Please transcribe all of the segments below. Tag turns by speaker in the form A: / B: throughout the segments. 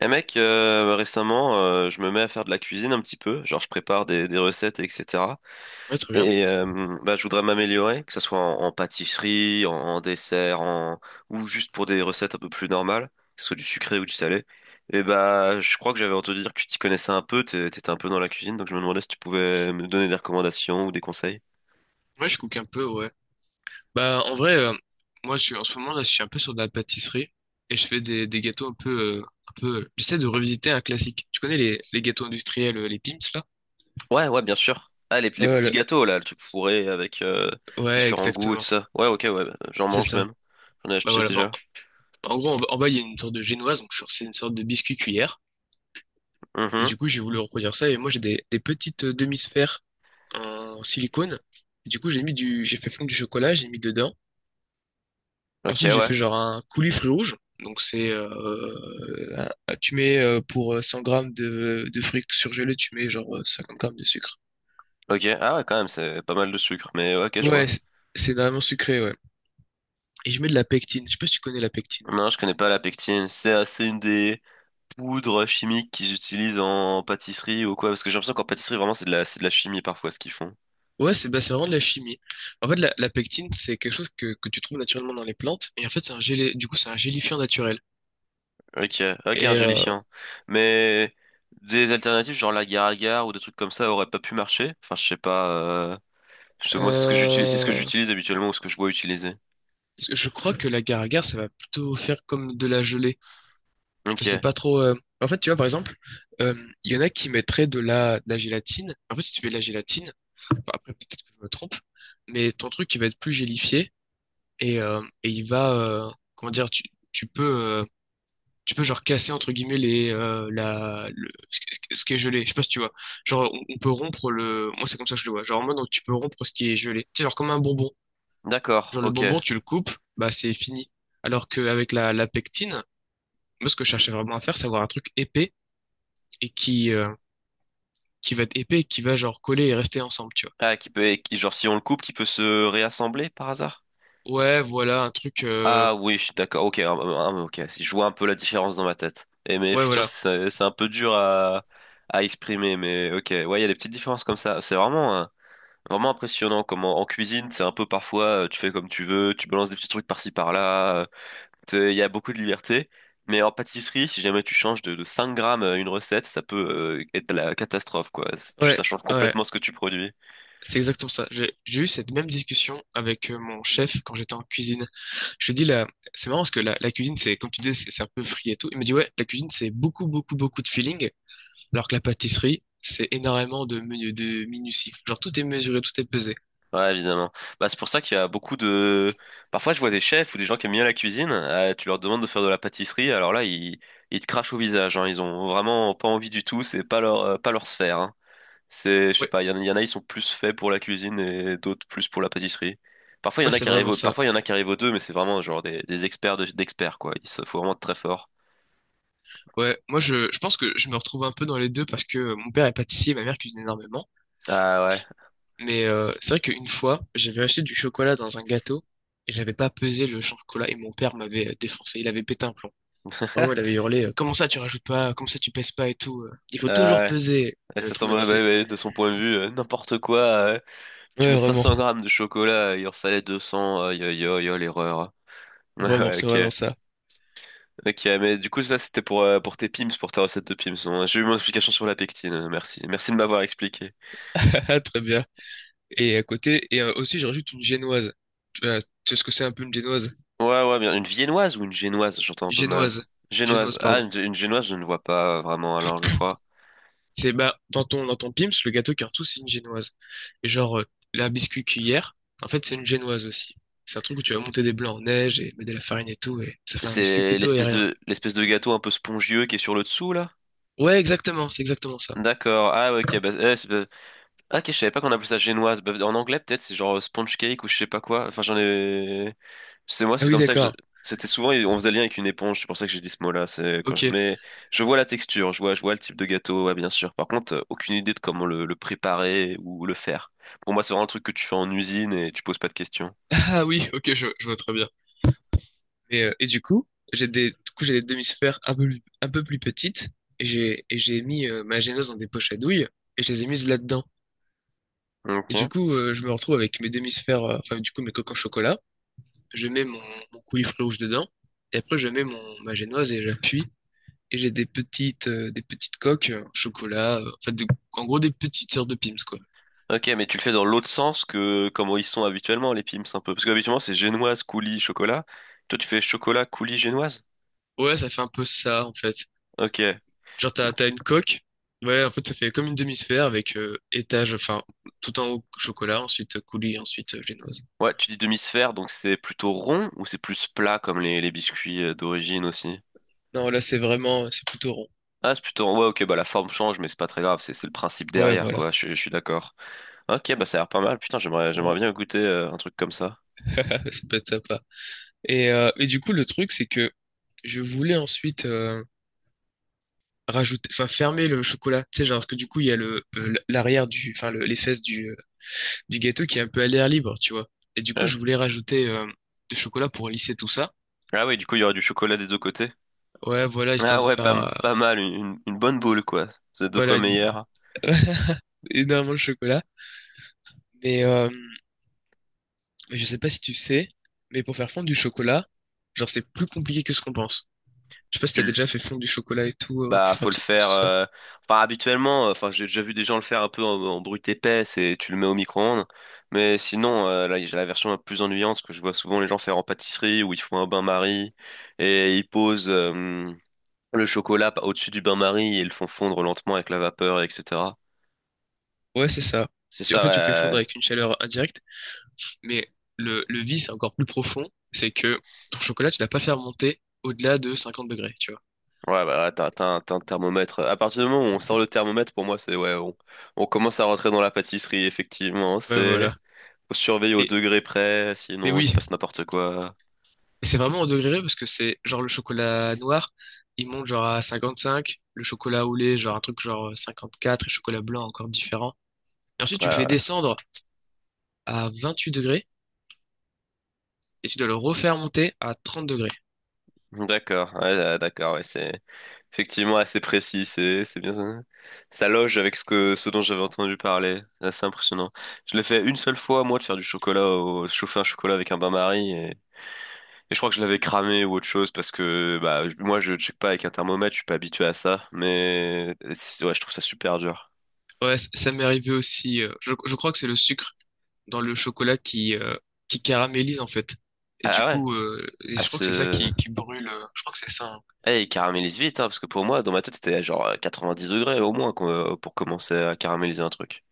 A: Eh mec, récemment, je me mets à faire de la cuisine un petit peu, genre je prépare des recettes, etc.
B: Ouais, très bien.
A: Et je voudrais m'améliorer, que ce soit en pâtisserie, en dessert, en... ou juste pour des recettes un peu plus normales, que ce soit du sucré ou du salé. Et bah, je crois que j'avais entendu dire que tu t'y connaissais un peu, t'étais un peu dans la cuisine, donc je me demandais si tu pouvais me donner des recommandations ou des conseils.
B: Ouais, je cook un peu, ouais. Bah, en vrai, moi, je suis, en ce moment, là, je suis un peu sur de la pâtisserie et je fais des gâteaux un peu, un peu. J'essaie de revisiter un classique. Tu connais les gâteaux industriels, les Pim's, là?
A: Ouais, ouais, bien sûr. Ah, les
B: Ouais,
A: petits
B: le-
A: gâteaux, là, le truc fourré avec
B: ouais,
A: différents goûts et tout
B: exactement.
A: ça. Ouais, ok, ouais, j'en
B: C'est
A: mange
B: ça.
A: même. J'en ai
B: Bah
A: acheté
B: voilà. Bon,
A: déjà.
B: en gros, en bas, il y a une sorte de génoise, c'est une sorte de biscuit cuillère. Et du coup, j'ai voulu reproduire ça et moi, j'ai des petites demi-sphères en silicone. Et du coup, j'ai fait fondre du chocolat, j'ai mis dedans.
A: Ok,
B: Ensuite, j'ai
A: ouais.
B: fait genre un coulis rouge. Donc, tu mets pour 100 grammes de fruits surgelés, tu mets genre 50 grammes de sucre.
A: Ok. Ah ouais, quand même, c'est pas mal de sucre. Mais ouais, ok, je
B: Ouais,
A: vois.
B: c'est vraiment sucré, ouais. Et je mets de la pectine. Je sais pas si tu connais la pectine.
A: Non, je connais pas la pectine. C'est une des poudres chimiques qu'ils utilisent en pâtisserie ou quoi. Parce que j'ai l'impression qu'en pâtisserie, vraiment, c'est de la chimie parfois ce qu'ils font.
B: Ouais, c'est vraiment de la chimie. En fait, la pectine, c'est quelque chose que tu trouves naturellement dans les plantes. Et en fait, c'est un gelé, du coup, c'est un gélifiant naturel.
A: Ok, ok, un
B: Et
A: gélifiant. Mais des alternatives, genre la agar ou des trucs comme ça, auraient pas pu marcher. Enfin, je sais pas. Moi, c'est ce que
B: euh,
A: j'utilise habituellement ou ce que je vois utiliser.
B: je crois que la agar ça va plutôt faire comme de la gelée. Je sais
A: Ok,
B: pas trop. En fait, tu vois, par exemple, euh, il y en a qui mettraient de la gélatine. En fait, si tu mets de la gélatine, enfin, après, peut-être que je me trompe, mais ton truc, il va être plus gélifié et il va, comment dire, tu peux, tu peux, genre, casser, entre guillemets, les, la, le, ce qui est gelé. Je sais pas si tu vois. Genre, on peut rompre moi, c'est comme ça que je le vois. Genre, en mode, donc, tu peux rompre ce qui est gelé. Tu sais, genre, comme un bonbon.
A: d'accord,
B: Genre, le
A: ok.
B: bonbon, tu le coupes, bah, c'est fini. Alors qu'avec la pectine, moi, ce que je cherchais vraiment à faire, c'est avoir un truc épais et qui va être épais, et qui va genre coller et rester ensemble, tu vois.
A: Ah, genre, si on le coupe, qui peut se réassembler par hasard?
B: Ouais, voilà, un truc.
A: Ah oui, je suis d'accord. Ok, ah, ah, ok. Si je vois un peu la différence dans ma tête. Et mais
B: Ouais,
A: effectivement,
B: voilà.
A: c'est un peu dur à exprimer. Mais ok, ouais, il y a des petites différences comme ça. C'est vraiment vraiment impressionnant. Comme en cuisine, c'est un peu parfois tu fais comme tu veux, tu balances des petits trucs par-ci par-là. Il y a beaucoup de liberté. Mais en pâtisserie, si jamais tu changes de 5 grammes une recette, ça peut être la catastrophe, quoi.
B: Ouais,
A: Ça change
B: ouais.
A: complètement ce que tu produis.
B: C'est exactement ça. J'ai eu cette même discussion avec mon chef quand j'étais en cuisine. Je lui dis là, c'est marrant parce que la cuisine, c'est, comme tu disais, c'est un peu free et tout. Il me dit ouais, la cuisine, c'est beaucoup, beaucoup, beaucoup de feeling, alors que la pâtisserie, c'est énormément de minutie. Genre tout est mesuré, tout est pesé.
A: Ouais, évidemment. Bah, c'est pour ça qu'il y a beaucoup de... Parfois, je vois des chefs ou des gens qui aiment bien la cuisine, tu leur demandes de faire de la pâtisserie, alors là, ils te crachent au visage, hein. Ils ont vraiment pas envie du tout, c'est pas pas leur sphère, hein. C'est, je sais
B: Ouais,
A: pas, il y en a, ils sont plus faits pour la cuisine et d'autres plus pour la pâtisserie.
B: ouais, c'est vraiment ça.
A: Parfois, il y en a qui arrivent aux deux, mais c'est vraiment genre des experts d'experts, quoi. Faut vraiment être très fort.
B: Ouais, moi je pense que je me retrouve un peu dans les deux parce que mon père est pâtissier, ma mère cuisine énormément.
A: Ah ouais.
B: Mais c'est vrai qu'une fois, j'avais acheté du chocolat dans un gâteau et j'avais pas pesé le chocolat et mon père m'avait défoncé. Il avait pété un plomb. Vraiment, il avait hurlé, comment ça tu rajoutes pas, comment ça tu pèses pas et tout. Il faut
A: Ah
B: toujours
A: ouais.
B: peser.
A: Et
B: Il m'avait
A: ça semble, ouais, ouais,
B: traumatisé.
A: ouais, de son point de vue, n'importe quoi. Tu
B: Ouais,
A: mets
B: vraiment.
A: 500 grammes de chocolat, il en fallait 200, aïe aïe aïe, aïe, l'erreur.
B: Vraiment,
A: Ouais,
B: c'est
A: ok,
B: vraiment ça.
A: ok, mais du coup ça c'était pour tes pims, pour ta recette de pims. Bon, j'ai eu mon explication sur la pectine, merci. Merci de m'avoir expliqué.
B: Ah, très bien. Et à côté, aussi, je rajoute une génoise. Tu vois, tu sais ce que c'est un peu une génoise?
A: Ouais, ouais, bien. Une viennoise ou une génoise, j'entends un peu mal.
B: Génoise.
A: Génoise,
B: Génoise,
A: ah,
B: pardon.
A: une génoise je ne vois pas vraiment alors je crois.
B: C'est bah dans ton Pim's, le gâteau qui est en dessous, c'est une génoise. Et genre la biscuit cuillère, en fait, c'est une génoise aussi. C'est un truc où tu vas monter des blancs en neige et mettre de la farine et tout, et ça fait un biscuit
A: C'est
B: plutôt aérien.
A: l'espèce de gâteau un peu spongieux qui est sur le dessous là?
B: Ouais, exactement, c'est exactement ça.
A: D'accord, ah ouais, ok, bah, ah, ok, je savais pas qu'on appelait ça génoise. Bah, en anglais peut-être c'est genre sponge cake ou je sais pas quoi, enfin j'en ai... C'est moi,
B: Ah
A: c'est
B: oui,
A: comme ça que je...
B: d'accord.
A: C'était souvent, on faisait lien avec une éponge, c'est pour ça que j'ai dit ce mot-là.
B: Ok.
A: Mais je vois la texture, je vois le type de gâteau, ouais, bien sûr. Par contre, aucune idée de comment le préparer ou le faire. Pour moi, c'est vraiment un truc que tu fais en usine et tu poses pas de questions.
B: Ah oui, ok, je vois très bien. Mais et du coup, j'ai des du coup j'ai des demi-sphères un peu plus petites et j'ai mis ma génoise dans des poches à douille et je les ai mises là-dedans. Et du
A: Ok.
B: coup, je me retrouve avec mes demi-sphères, enfin du coup mes coques en chocolat. Je mets mon coulis rouge dedans, et après je mets ma génoise et j'appuie, et j'ai des petites coques au chocolat, en fait, en gros des petites sœurs de Pim's, quoi.
A: Ok, mais tu le fais dans l'autre sens que comment ils sont habituellement, les pims, un peu. Parce que habituellement, c'est génoise, coulis, chocolat. Toi, tu fais chocolat, coulis, génoise?
B: Ouais, ça fait un peu ça, en fait.
A: Ok.
B: Genre,
A: Mais-
B: t'as une coque, ouais, en fait, ça fait comme une demi-sphère avec étage, enfin, tout en haut chocolat, ensuite coulis, ensuite génoise.
A: Ouais, tu dis demi-sphère, donc c'est plutôt rond ou c'est plus plat comme les biscuits d'origine aussi?
B: Non, là, c'est plutôt rond.
A: Ah, c'est plutôt... Ouais, ok, bah la forme change, mais c'est pas très grave, c'est le principe
B: Ouais,
A: derrière,
B: voilà.
A: quoi, je suis d'accord. Ok, bah ça a l'air pas mal, putain, j'aimerais
B: Ouais,
A: bien goûter un truc comme ça.
B: ça peut être sympa. Et du coup, le truc, c'est que je voulais ensuite rajouter, enfin fermer le chocolat. Tu sais, genre, parce que du coup, il y a le l'arrière les fesses du gâteau qui est un peu à l'air libre, tu vois. Et du coup,
A: Ouais.
B: je voulais rajouter du chocolat pour lisser tout ça.
A: Ah oui, du coup, il y aura du chocolat des deux côtés.
B: Ouais, voilà, histoire
A: Ah
B: de
A: ouais,
B: faire,
A: pas mal, une bonne boule, quoi. C'est deux fois
B: voilà,
A: meilleur.
B: énormément de chocolat. Mais je sais pas si tu sais, mais pour faire fondre du chocolat, genre, c'est plus compliqué que ce qu'on pense. Je sais pas si
A: Tu
B: t'as déjà fait fondre du chocolat et tout, pour
A: Bah, faut
B: faire
A: le
B: tout,
A: faire.
B: tout ça.
A: Enfin, habituellement, enfin, j'ai déjà vu des gens le faire un peu en brute épaisse et tu le mets au micro-ondes. Mais sinon, là, j'ai la version la plus ennuyante que je vois souvent les gens faire en pâtisserie où ils font un bain-marie et ils posent le chocolat au-dessus du bain-marie et ils le font fondre lentement avec la vapeur, etc.
B: Ouais, c'est ça.
A: C'est
B: En
A: ça,
B: fait, tu fais fondre
A: ouais.
B: avec une chaleur indirecte, mais le vice c'est encore plus profond, c'est que ton chocolat, tu l'as pas fait remonter au-delà de 50 degrés, tu vois.
A: Ouais, bah, ouais, t'as t'as un thermomètre. À partir du moment où on sort le thermomètre, pour moi, on commence à rentrer dans la pâtisserie, effectivement.
B: Ouais,
A: C'est
B: voilà.
A: Faut surveiller au
B: Et,
A: degré près,
B: mais
A: sinon il se
B: oui,
A: passe n'importe quoi.
B: et c'est vraiment au degré près parce que c'est genre le chocolat noir, il monte genre à 55, le chocolat au lait, genre un truc genre 54, et le chocolat blanc encore différent. Et ensuite, tu le
A: Ouais,
B: fais
A: ouais.
B: descendre à 28 degrés et tu dois le refaire monter à 30 degrés.
A: D'accord, ouais, d'accord, ouais, c'est effectivement assez précis, c'est bien. Ça loge avec ce que ce dont j'avais entendu parler. C'est assez impressionnant. Je l'ai fait une seule fois, moi, de faire du chocolat au chauffer un chocolat avec un bain-marie et je crois que je l'avais cramé ou autre chose parce que bah moi je check pas avec un thermomètre, je suis pas habitué à ça, ouais, je trouve ça super dur.
B: Ouais, ça m'est arrivé aussi. Je crois que c'est le sucre dans le chocolat qui caramélise en fait. Et du
A: Ah ouais,
B: coup,
A: à
B: je crois que c'est ça
A: ce
B: qui brûle. Je crois que c'est ça, hein.
A: Eh, il caramélise vite, hein, parce que pour moi, dans ma tête, c'était genre 90 degrés au moins pour commencer à caraméliser un truc.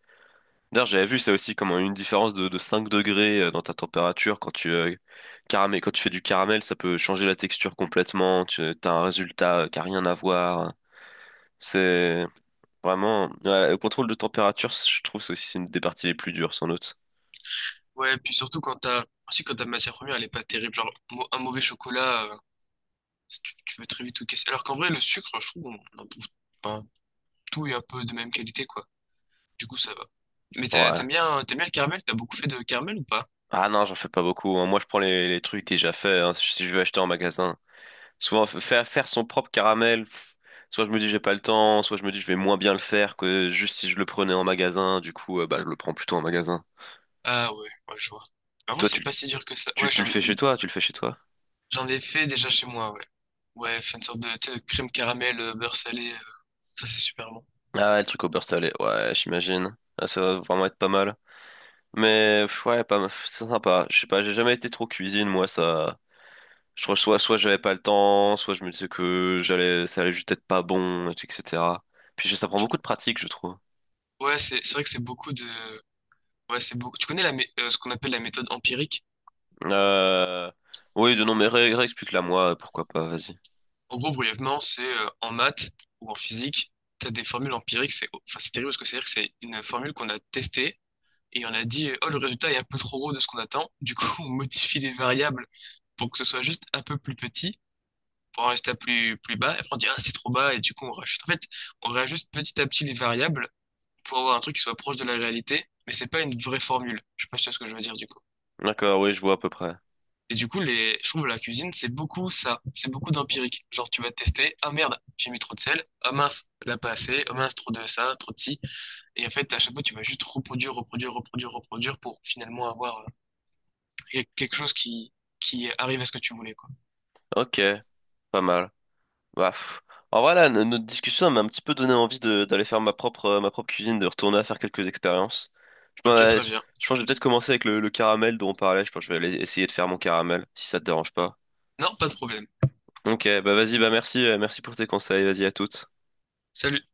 A: D'ailleurs, j'avais vu ça aussi, comme une différence de 5 degrés dans ta température quand quand tu fais du caramel, ça peut changer la texture complètement. Tu as un résultat qui a rien à voir. C'est vraiment ouais, le contrôle de température, je trouve c'est aussi une des parties les plus dures, sans doute.
B: Ouais, puis surtout aussi quand ta matière première, elle est pas terrible. Genre, un mauvais chocolat. Tu peux très vite tout casser. Alors qu'en vrai, le sucre, je trouve, on en trouve pas tout et un peu de même qualité, quoi. Du coup, ça va. Mais
A: Ouais.
B: t'aimes bien le caramel? T'as beaucoup fait de caramel ou pas?
A: Ah non, j'en fais pas beaucoup, hein. Moi, je prends les trucs déjà faits, hein, si je veux acheter en magasin, souvent faire faire son propre caramel. Pff, soit je me dis j'ai pas le temps, soit je me dis je vais moins bien le faire que juste si je le prenais en magasin. Du coup, bah, je le prends plutôt en magasin.
B: Ah ouais, ouais, je vois. En vrai,
A: Toi,
B: c'est pas si dur que ça.
A: Tu
B: Ouais,
A: le
B: j'en,
A: fais chez toi, tu le fais chez toi.
B: j'en ai fait déjà chez moi, ouais. Ouais, faire une sorte de, tu sais, de crème caramel, beurre salé, ça c'est super bon.
A: Ah ouais, le truc au beurre salé, ouais, j'imagine. Ah, ça va vraiment être pas mal. Mais pff, ouais, pas mal. C'est sympa. Je sais pas, j'ai jamais été trop cuisine, moi, ça. Je crois que soit j'avais pas le temps, soit je me disais que j'allais, ça allait juste être pas bon, et tout, etc. Ça prend
B: Tu-
A: beaucoup de pratique, je trouve.
B: Ouais, c'est vrai que c'est beaucoup de... Ouais, c'est beaucoup... Tu connais ce qu'on appelle la méthode empirique?
A: Euh... Oui, de non, mais réexplique-la moi, pourquoi pas, vas-y.
B: En gros, brièvement, c'est en maths ou en physique, tu as des formules empiriques. C'est terrible parce que c'est-à-dire que c'est une formule qu'on a testée et on a dit, oh, le résultat est un peu trop gros de ce qu'on attend. Du coup, on modifie les variables pour que ce soit juste un peu plus petit, pour un résultat plus bas. Et après, on dit, ah, c'est trop bas. Et du coup, on rajoute. En fait, on réajuste petit à petit les variables pour avoir un truc qui soit proche de la réalité, mais c'est pas une vraie formule. Je sais pas si tu vois ce que je veux dire, du coup.
A: D'accord, oui, je vois à peu près.
B: Et du coup, je trouve la cuisine, c'est beaucoup ça. C'est beaucoup d'empirique. Genre, tu vas te tester. Ah merde, j'ai mis trop de sel. Ah mince, là pas assez. Ah mince, trop de ça, trop de ci. Et en fait, à chaque fois, tu vas juste reproduire, reproduire, reproduire, reproduire pour finalement avoir quelque chose qui arrive à ce que tu voulais, quoi.
A: Ok, pas mal. Bah, pff. En vrai, là, notre discussion elle m'a un petit peu donné envie d'aller faire ma propre cuisine, de retourner à faire quelques expériences. Je, m'en-
B: Ok,
A: euh,
B: très
A: je
B: bien.
A: je pense que je vais peut-être commencer avec le caramel dont on parlait. Je pense que je vais aller essayer de faire mon caramel, si ça te dérange pas.
B: Non, pas de problème.
A: Ok, bah vas-y, bah merci, merci pour tes conseils. Vas-y, à toutes.
B: Salut.